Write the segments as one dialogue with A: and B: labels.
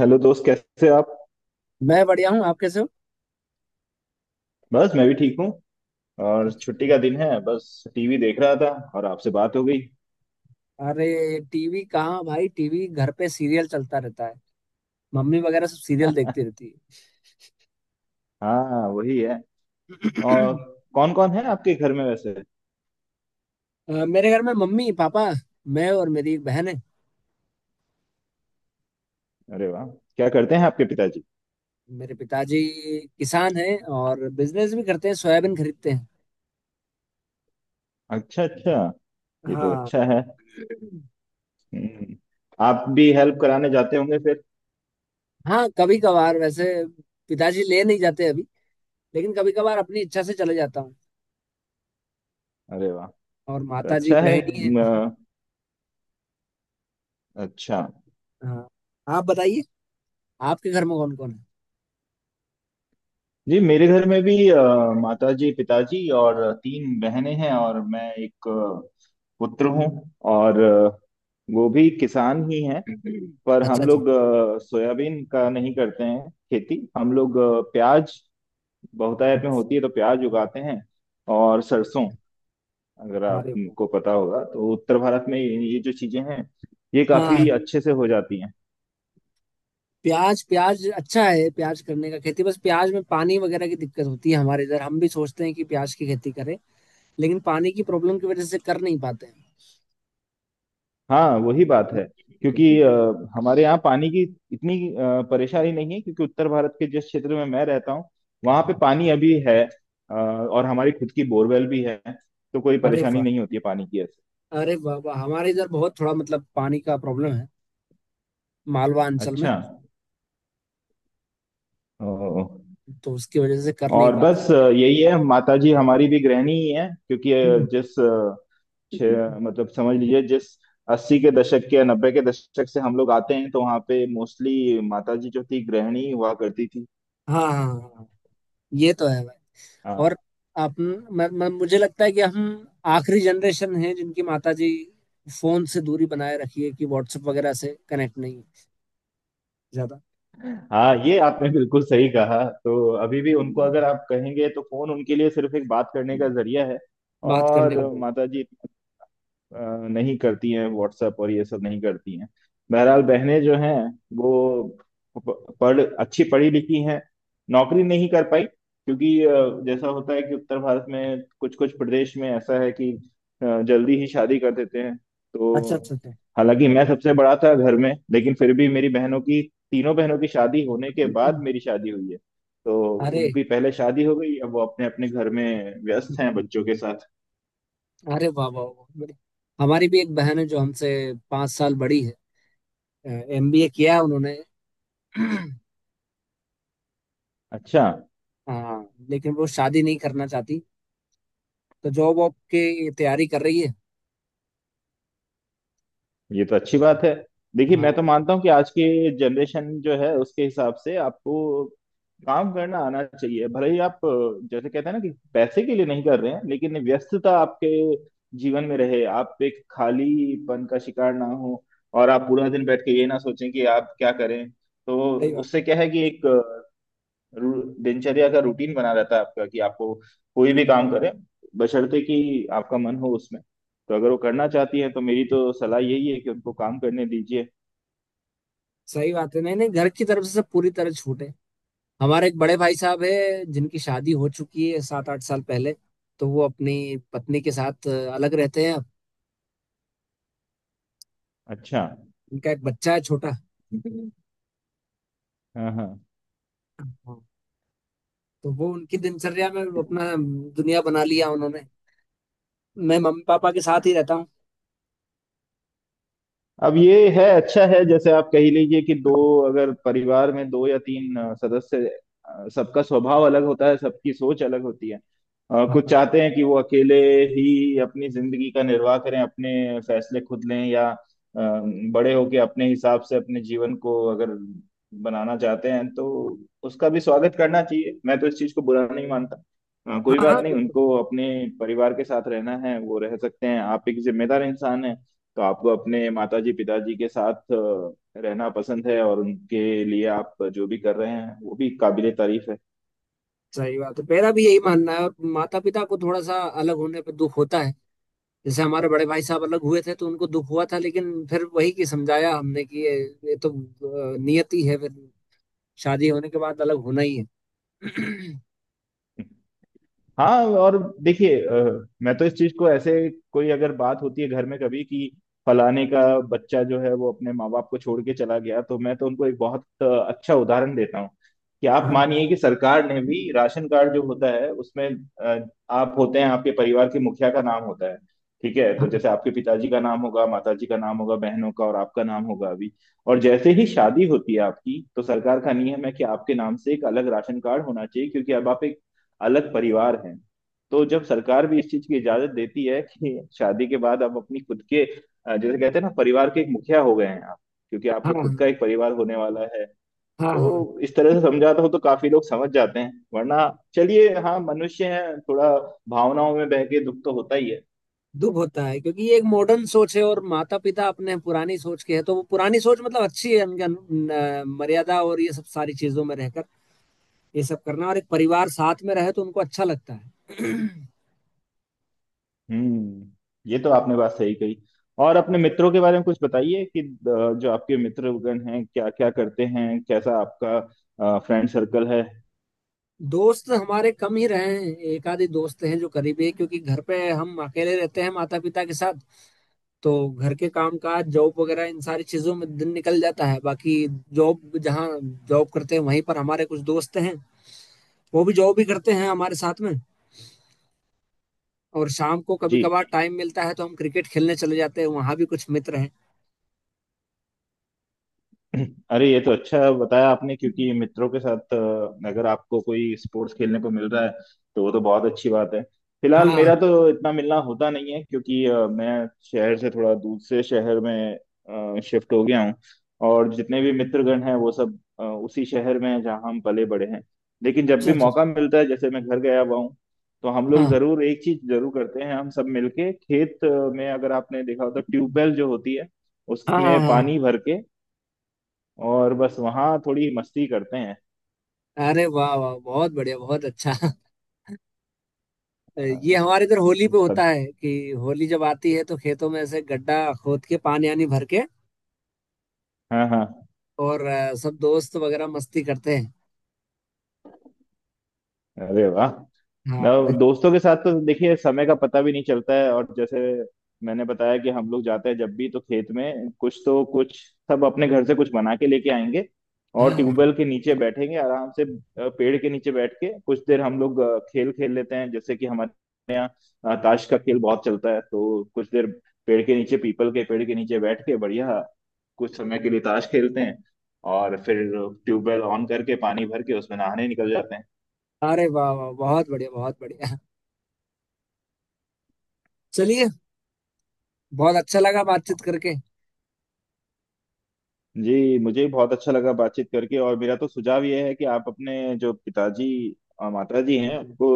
A: Hello दोस्त, कैसे आप?
B: मैं बढ़िया हूँ। आप कैसे हो?
A: बस मैं भी ठीक हूँ। और
B: अच्छा।
A: छुट्टी का दिन है, बस टीवी देख रहा था। और आपसे बात हो गई।
B: अरे, टीवी कहाँ भाई, टीवी घर पे सीरियल चलता रहता है। मम्मी वगैरह सब सीरियल देखती रहती
A: हाँ, वही है।
B: है।
A: और कौन कौन है आपके घर में वैसे?
B: मेरे घर में मम्मी पापा, मैं और मेरी एक बहन है।
A: अरे वाह! क्या करते हैं आपके पिताजी?
B: मेरे पिताजी किसान हैं और बिजनेस भी करते हैं, सोयाबीन खरीदते हैं।
A: अच्छा अच्छा, ये तो
B: हाँ।
A: अच्छा है। हम्म, आप भी हेल्प कराने जाते होंगे फिर?
B: हाँ कभी कभार। वैसे पिताजी ले नहीं जाते अभी, लेकिन कभी कभार अपनी इच्छा से चले जाता हूँ।
A: अरे वाह!
B: और
A: तो
B: माता जी
A: अच्छा है।
B: गृहिणी है।
A: म, अच्छा।
B: हाँ, आप बताइए, आपके घर में कौन कौन
A: जी, मेरे घर में भी
B: है?
A: माताजी पिताजी और तीन बहनें हैं, और मैं एक पुत्र हूँ। और वो भी किसान ही हैं। पर
B: अच्छा
A: हम लोग सोयाबीन का नहीं करते हैं खेती, हम लोग प्याज बहुतायत में
B: अच्छा।
A: होती है तो प्याज उगाते हैं। और सरसों, अगर
B: अरे वाह।
A: आपको पता होगा तो उत्तर भारत में ये जो चीजें हैं, ये काफी
B: हाँ।
A: अच्छे से हो जाती हैं।
B: प्याज, प्याज अच्छा है, प्याज करने का खेती। बस प्याज में पानी वगैरह की दिक्कत होती है हमारे इधर। हम भी सोचते हैं कि प्याज की खेती करें, लेकिन पानी की प्रॉब्लम की वजह से कर नहीं पाते हैं।
A: हाँ, वही बात है। क्योंकि हमारे यहाँ पानी की इतनी परेशानी नहीं है, क्योंकि उत्तर भारत के जिस क्षेत्र में मैं रहता हूँ वहाँ पे पानी अभी है। और हमारी खुद की बोरवेल भी है। तो कोई
B: अरे
A: परेशानी
B: वाह।
A: नहीं होती है पानी की ऐसे।
B: अरे वाह वाह, हमारे इधर बहुत थोड़ा मतलब पानी का प्रॉब्लम है। मालवा अंचल में,
A: अच्छा। ओ,
B: तो उसकी वजह से कर नहीं
A: और
B: पाते।
A: बस यही है, माता जी हमारी भी गृहिणी ही है, क्योंकि
B: हम्म।
A: मतलब समझ लीजिए जिस अस्सी के दशक के या नब्बे के दशक से हम लोग आते हैं, तो वहाँ पे मोस्टली माता जी जो थी गृहिणी हुआ करती थी।
B: हाँ हाँ हाँ हाँ, ये तो है। और आप, म, म, मुझे लगता है कि हम आखिरी जनरेशन है जिनकी माताजी फोन से दूरी बनाए रखी है। कि व्हाट्सएप वगैरह से कनेक्ट नहीं है ज्यादा।
A: हाँ, ये आपने बिल्कुल सही कहा, तो अभी भी उनको अगर आप कहेंगे तो फोन उनके लिए सिर्फ एक बात करने का जरिया है।
B: बात करने
A: और
B: का जरूर।
A: माता जी अ, नहीं करती हैं व्हाट्सएप और ये सब नहीं करती हैं। बहरहाल बहनें जो हैं वो प- पढ़ अच्छी पढ़ी लिखी हैं। नौकरी नहीं कर पाई क्योंकि जैसा होता है कि उत्तर भारत में कुछ कुछ प्रदेश में ऐसा है कि जल्दी ही शादी कर देते हैं,
B: अच्छा
A: तो
B: अच्छा अच्छा।
A: हालांकि मैं सबसे बड़ा था घर में, लेकिन फिर भी मेरी बहनों की तीनों बहनों की शादी होने के बाद मेरी शादी हुई है। तो
B: अरे,
A: उनकी पहले शादी हो गई, अब वो अपने अपने घर में व्यस्त हैं बच्चों के साथ।
B: अरे वाह वाह वाह। हमारी भी एक बहन है जो हमसे 5 साल बड़ी है। एमबीए किया है उन्होंने।
A: अच्छा,
B: हाँ, लेकिन वो शादी नहीं करना चाहती, तो जॉब वॉब की तैयारी कर रही है।
A: ये तो अच्छी बात है। देखिए, मैं
B: हाँ,
A: तो मानता हूँ कि आज की जनरेशन जो है उसके हिसाब से आपको काम करना आना चाहिए, भले ही आप जैसे कहते हैं ना कि पैसे के लिए नहीं कर रहे हैं, लेकिन व्यस्तता आपके जीवन में रहे, आप एक खालीपन का शिकार ना हो, और आप पूरा दिन बैठ के ये ना सोचें कि आप क्या करें। तो
B: सही बात।
A: उससे क्या है कि एक दिनचर्या का रूटीन बना रहता है आपका, कि आपको कोई भी काम करें, बशर्ते कि आपका मन हो उसमें। तो अगर वो करना चाहती है तो मेरी तो सलाह यही है कि उनको काम करने दीजिए।
B: सही बात है। नहीं नहीं, घर की तरफ से सब पूरी तरह छूट है। हमारे एक बड़े भाई साहब है, जिनकी शादी हो चुकी है 7-8 साल पहले। तो वो अपनी पत्नी के साथ अलग रहते हैं।
A: अच्छा।
B: उनका एक बच्चा है छोटा।
A: हाँ हाँ।
B: हाँ। तो वो उनकी दिनचर्या में अपना दुनिया बना लिया उन्होंने। मैं मम्मी पापा के साथ ही रहता हूँ।
A: अब ये है, अच्छा है, जैसे आप कह लीजिए कि दो, अगर परिवार में दो या तीन सदस्य, सबका स्वभाव अलग होता है, सबकी सोच अलग होती है। कुछ
B: हाँ
A: चाहते हैं कि वो अकेले ही अपनी जिंदगी का निर्वाह करें, अपने फैसले खुद लें, या बड़े होके अपने हिसाब से अपने जीवन को अगर बनाना चाहते हैं तो उसका भी स्वागत करना चाहिए, मैं तो इस चीज को बुरा नहीं मानता। कोई
B: हाँ
A: बात
B: हाँ,
A: नहीं,
B: बिल्कुल।
A: उनको अपने परिवार के साथ रहना है वो रह सकते हैं। आप एक जिम्मेदार इंसान हैं तो आपको अपने माताजी पिताजी के साथ रहना पसंद है, और उनके लिए आप जो भी कर रहे हैं वो भी काबिले तारीफ है।
B: सही बात है, मेरा भी यही मानना है। और माता पिता को थोड़ा सा अलग होने पर दुख होता है। जैसे हमारे बड़े भाई साहब अलग हुए थे तो उनको दुख हुआ था, लेकिन फिर वही कि समझाया हमने कि ये तो नियति है। फिर शादी होने के बाद अलग होना ही है।
A: हाँ, और देखिए, मैं तो इस चीज को ऐसे, कोई अगर बात होती है घर में कभी कि फलाने का बच्चा जो है वो अपने माँ बाप को छोड़ के चला गया, तो मैं तो उनको एक बहुत अच्छा उदाहरण देता हूँ, कि आप
B: हाँ
A: मानिए कि सरकार ने भी राशन कार्ड जो होता है उसमें आप होते हैं, आपके परिवार के मुखिया का नाम होता है। ठीक है, तो
B: हाँ
A: जैसे आपके पिताजी का नाम होगा, माताजी का नाम होगा, बहनों का और आपका नाम होगा अभी, और जैसे ही शादी होती है आपकी, तो सरकार का नियम है कि आपके नाम से एक अलग राशन कार्ड होना चाहिए, क्योंकि अब आप एक अलग परिवार हैं। तो जब सरकार भी इस चीज की इजाजत देती है कि शादी के बाद आप अपनी खुद के जैसे कहते हैं ना, परिवार के एक मुखिया हो गए हैं आप, क्योंकि आपका
B: हाँ
A: खुद का एक परिवार होने वाला है।
B: हाँ हाँ।
A: तो इस तरह से समझाता हो तो काफी लोग समझ जाते हैं, वरना चलिए, हाँ मनुष्य है, थोड़ा भावनाओं में बह के दुख तो होता ही है।
B: दुख होता है क्योंकि ये एक मॉडर्न सोच है और माता पिता अपने पुरानी सोच के है। तो वो पुरानी सोच मतलब अच्छी है उनके मर्यादा और ये सब सारी चीजों में रहकर ये सब करना, और एक परिवार साथ में रहे तो उनको अच्छा लगता है।
A: हम्म ये तो आपने बात सही कही। और अपने मित्रों के बारे में कुछ बताइए कि जो आपके मित्रगण हैं क्या क्या करते हैं, कैसा आपका फ्रेंड सर्कल है?
B: दोस्त हमारे कम ही रहे हैं, एक आधे दोस्त हैं जो करीबी है। क्योंकि घर पे हम अकेले रहते हैं माता पिता के साथ, तो घर के काम काज जॉब वगैरह इन सारी चीजों में दिन निकल जाता है। बाकी जॉब जहाँ, जॉब करते हैं वहीं पर हमारे कुछ दोस्त हैं। वो भी जॉब भी करते हैं हमारे साथ में। और शाम को कभी
A: जी।
B: कभार टाइम मिलता है तो हम क्रिकेट खेलने चले जाते हैं, वहां भी कुछ मित्र हैं।
A: अरे, ये तो अच्छा बताया आपने, क्योंकि मित्रों के साथ अगर आपको कोई स्पोर्ट्स खेलने को मिल रहा है, तो वो तो बहुत अच्छी बात है। फिलहाल
B: हाँ।
A: मेरा तो इतना मिलना होता नहीं है, क्योंकि मैं शहर से थोड़ा दूसरे शहर में शिफ्ट हो गया हूँ, और जितने भी मित्रगण हैं वो सब उसी शहर में हैं जहाँ हम पले बड़े हैं। लेकिन जब
B: अच्छा
A: भी
B: अच्छा अच्छा।
A: मौका मिलता है, जैसे मैं घर गया हुआ हूँ, तो हम लोग
B: हाँ
A: जरूर एक चीज जरूर करते हैं, हम सब मिलके खेत में, अगर आपने देखा हो तो ट्यूबवेल जो होती है,
B: हाँ हाँ
A: उसमें
B: हाँ।
A: पानी भर के, और बस वहाँ थोड़ी मस्ती करते हैं।
B: अरे वाह वाह, बहुत बढ़िया, बहुत अच्छा।
A: अ,
B: ये हमारे इधर होली
A: तो
B: पे होता
A: सब,
B: है कि, होली जब आती है तो खेतों में ऐसे गड्ढा खोद के पानी आनी भर के,
A: हाँ हाँ।
B: और सब दोस्त वगैरह मस्ती करते हैं।
A: अरे वाह! ना,
B: हाँ
A: दोस्तों के साथ तो देखिए समय का पता भी नहीं चलता है, और जैसे मैंने बताया कि हम लोग जाते हैं जब भी, तो खेत में कुछ तो कुछ, सब अपने घर से कुछ बना के लेके आएंगे, और
B: हाँ,
A: ट्यूबवेल के नीचे बैठेंगे आराम से, पेड़ के नीचे बैठ के कुछ देर हम लोग खेल खेल लेते हैं, जैसे कि हमारे यहाँ ताश का खेल बहुत चलता है, तो कुछ देर पेड़ के नीचे पीपल के पेड़ के नीचे बैठ के बढ़िया कुछ समय के लिए ताश खेलते हैं, और फिर ट्यूबवेल ऑन करके पानी भर के उसमें नहाने निकल जाते हैं।
B: अरे वाह वाह, बहुत बढ़िया, बहुत बढ़िया। चलिए, बहुत अच्छा लगा बातचीत करके।
A: जी, मुझे भी बहुत अच्छा लगा बातचीत करके, और मेरा तो सुझाव ये है कि आप अपने जो पिताजी और माता जी हैं उनको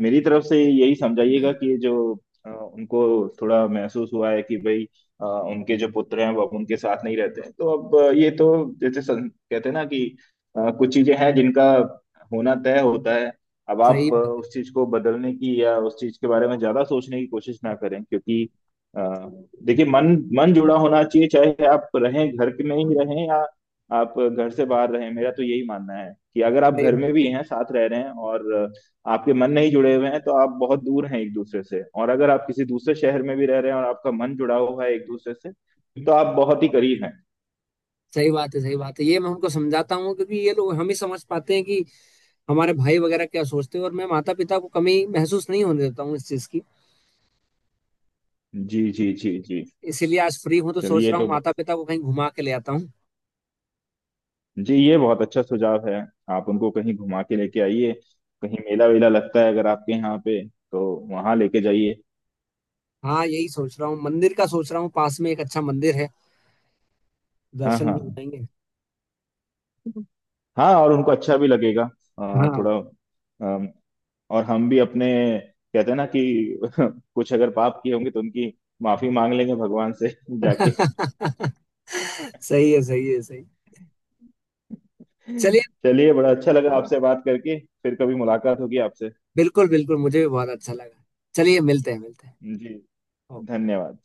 A: मेरी तरफ से यही समझाइएगा कि जो उनको थोड़ा महसूस हुआ है कि भाई, उनके जो पुत्र हैं वो अब उनके साथ नहीं रहते हैं, तो अब ये तो जैसे कहते हैं ना कि कुछ चीजें हैं जिनका होना तय होता है। अब आप
B: सही बात है,
A: उस चीज को बदलने की या उस चीज के बारे में ज्यादा सोचने की कोशिश ना करें, क्योंकि अ, देखिए, मन मन जुड़ा होना चाहिए, चाहे आप रहें घर के में ही रहें या आप घर से बाहर रहें। मेरा तो यही मानना है कि अगर आप
B: सही
A: घर
B: बात
A: में भी हैं साथ रह रहे हैं और आपके मन नहीं जुड़े हुए हैं तो आप बहुत दूर हैं एक दूसरे से, और अगर आप किसी दूसरे शहर में भी रह रहे हैं और आपका मन जुड़ा हुआ है एक दूसरे से,
B: है,
A: तो आप बहुत ही करीब हैं।
B: सही बात है। सही बात है, ये मैं उनको समझाता हूँ, क्योंकि ये लोग हम ही समझ पाते हैं कि हमारे भाई वगैरह क्या सोचते हैं। और मैं माता पिता को कमी महसूस नहीं होने देता हूँ इस चीज की।
A: जी जी जी जी।
B: इसीलिए आज फ्री हूँ तो सोच
A: चलिए
B: रहा
A: तो,
B: हूँ माता पिता को कहीं घुमा के ले आता हूँ।
A: जी, ये बहुत अच्छा सुझाव है। आप उनको कहीं घुमा के लेके आइए, कहीं मेला वेला लगता है अगर आपके यहाँ पे तो वहां लेके जाइए।
B: हाँ, यही सोच रहा हूँ, मंदिर का सोच रहा हूँ, पास में एक अच्छा मंदिर है,
A: हाँ
B: दर्शन भी हो
A: हाँ,
B: जाएंगे।
A: हाँ और उनको अच्छा भी लगेगा।
B: हाँ।
A: थोड़ा, अम, और हम भी अपने कहते हैं ना कि कुछ अगर पाप किए होंगे तो उनकी माफी मांग लेंगे भगवान से जाके।
B: सही है सही है सही। चलिए।
A: चलिए, बड़ा अच्छा लगा आपसे बात करके, फिर कभी मुलाकात होगी आपसे।
B: बिल्कुल बिल्कुल, मुझे भी बहुत अच्छा लगा। चलिए, मिलते हैं, मिलते
A: जी,
B: हैं।
A: धन्यवाद।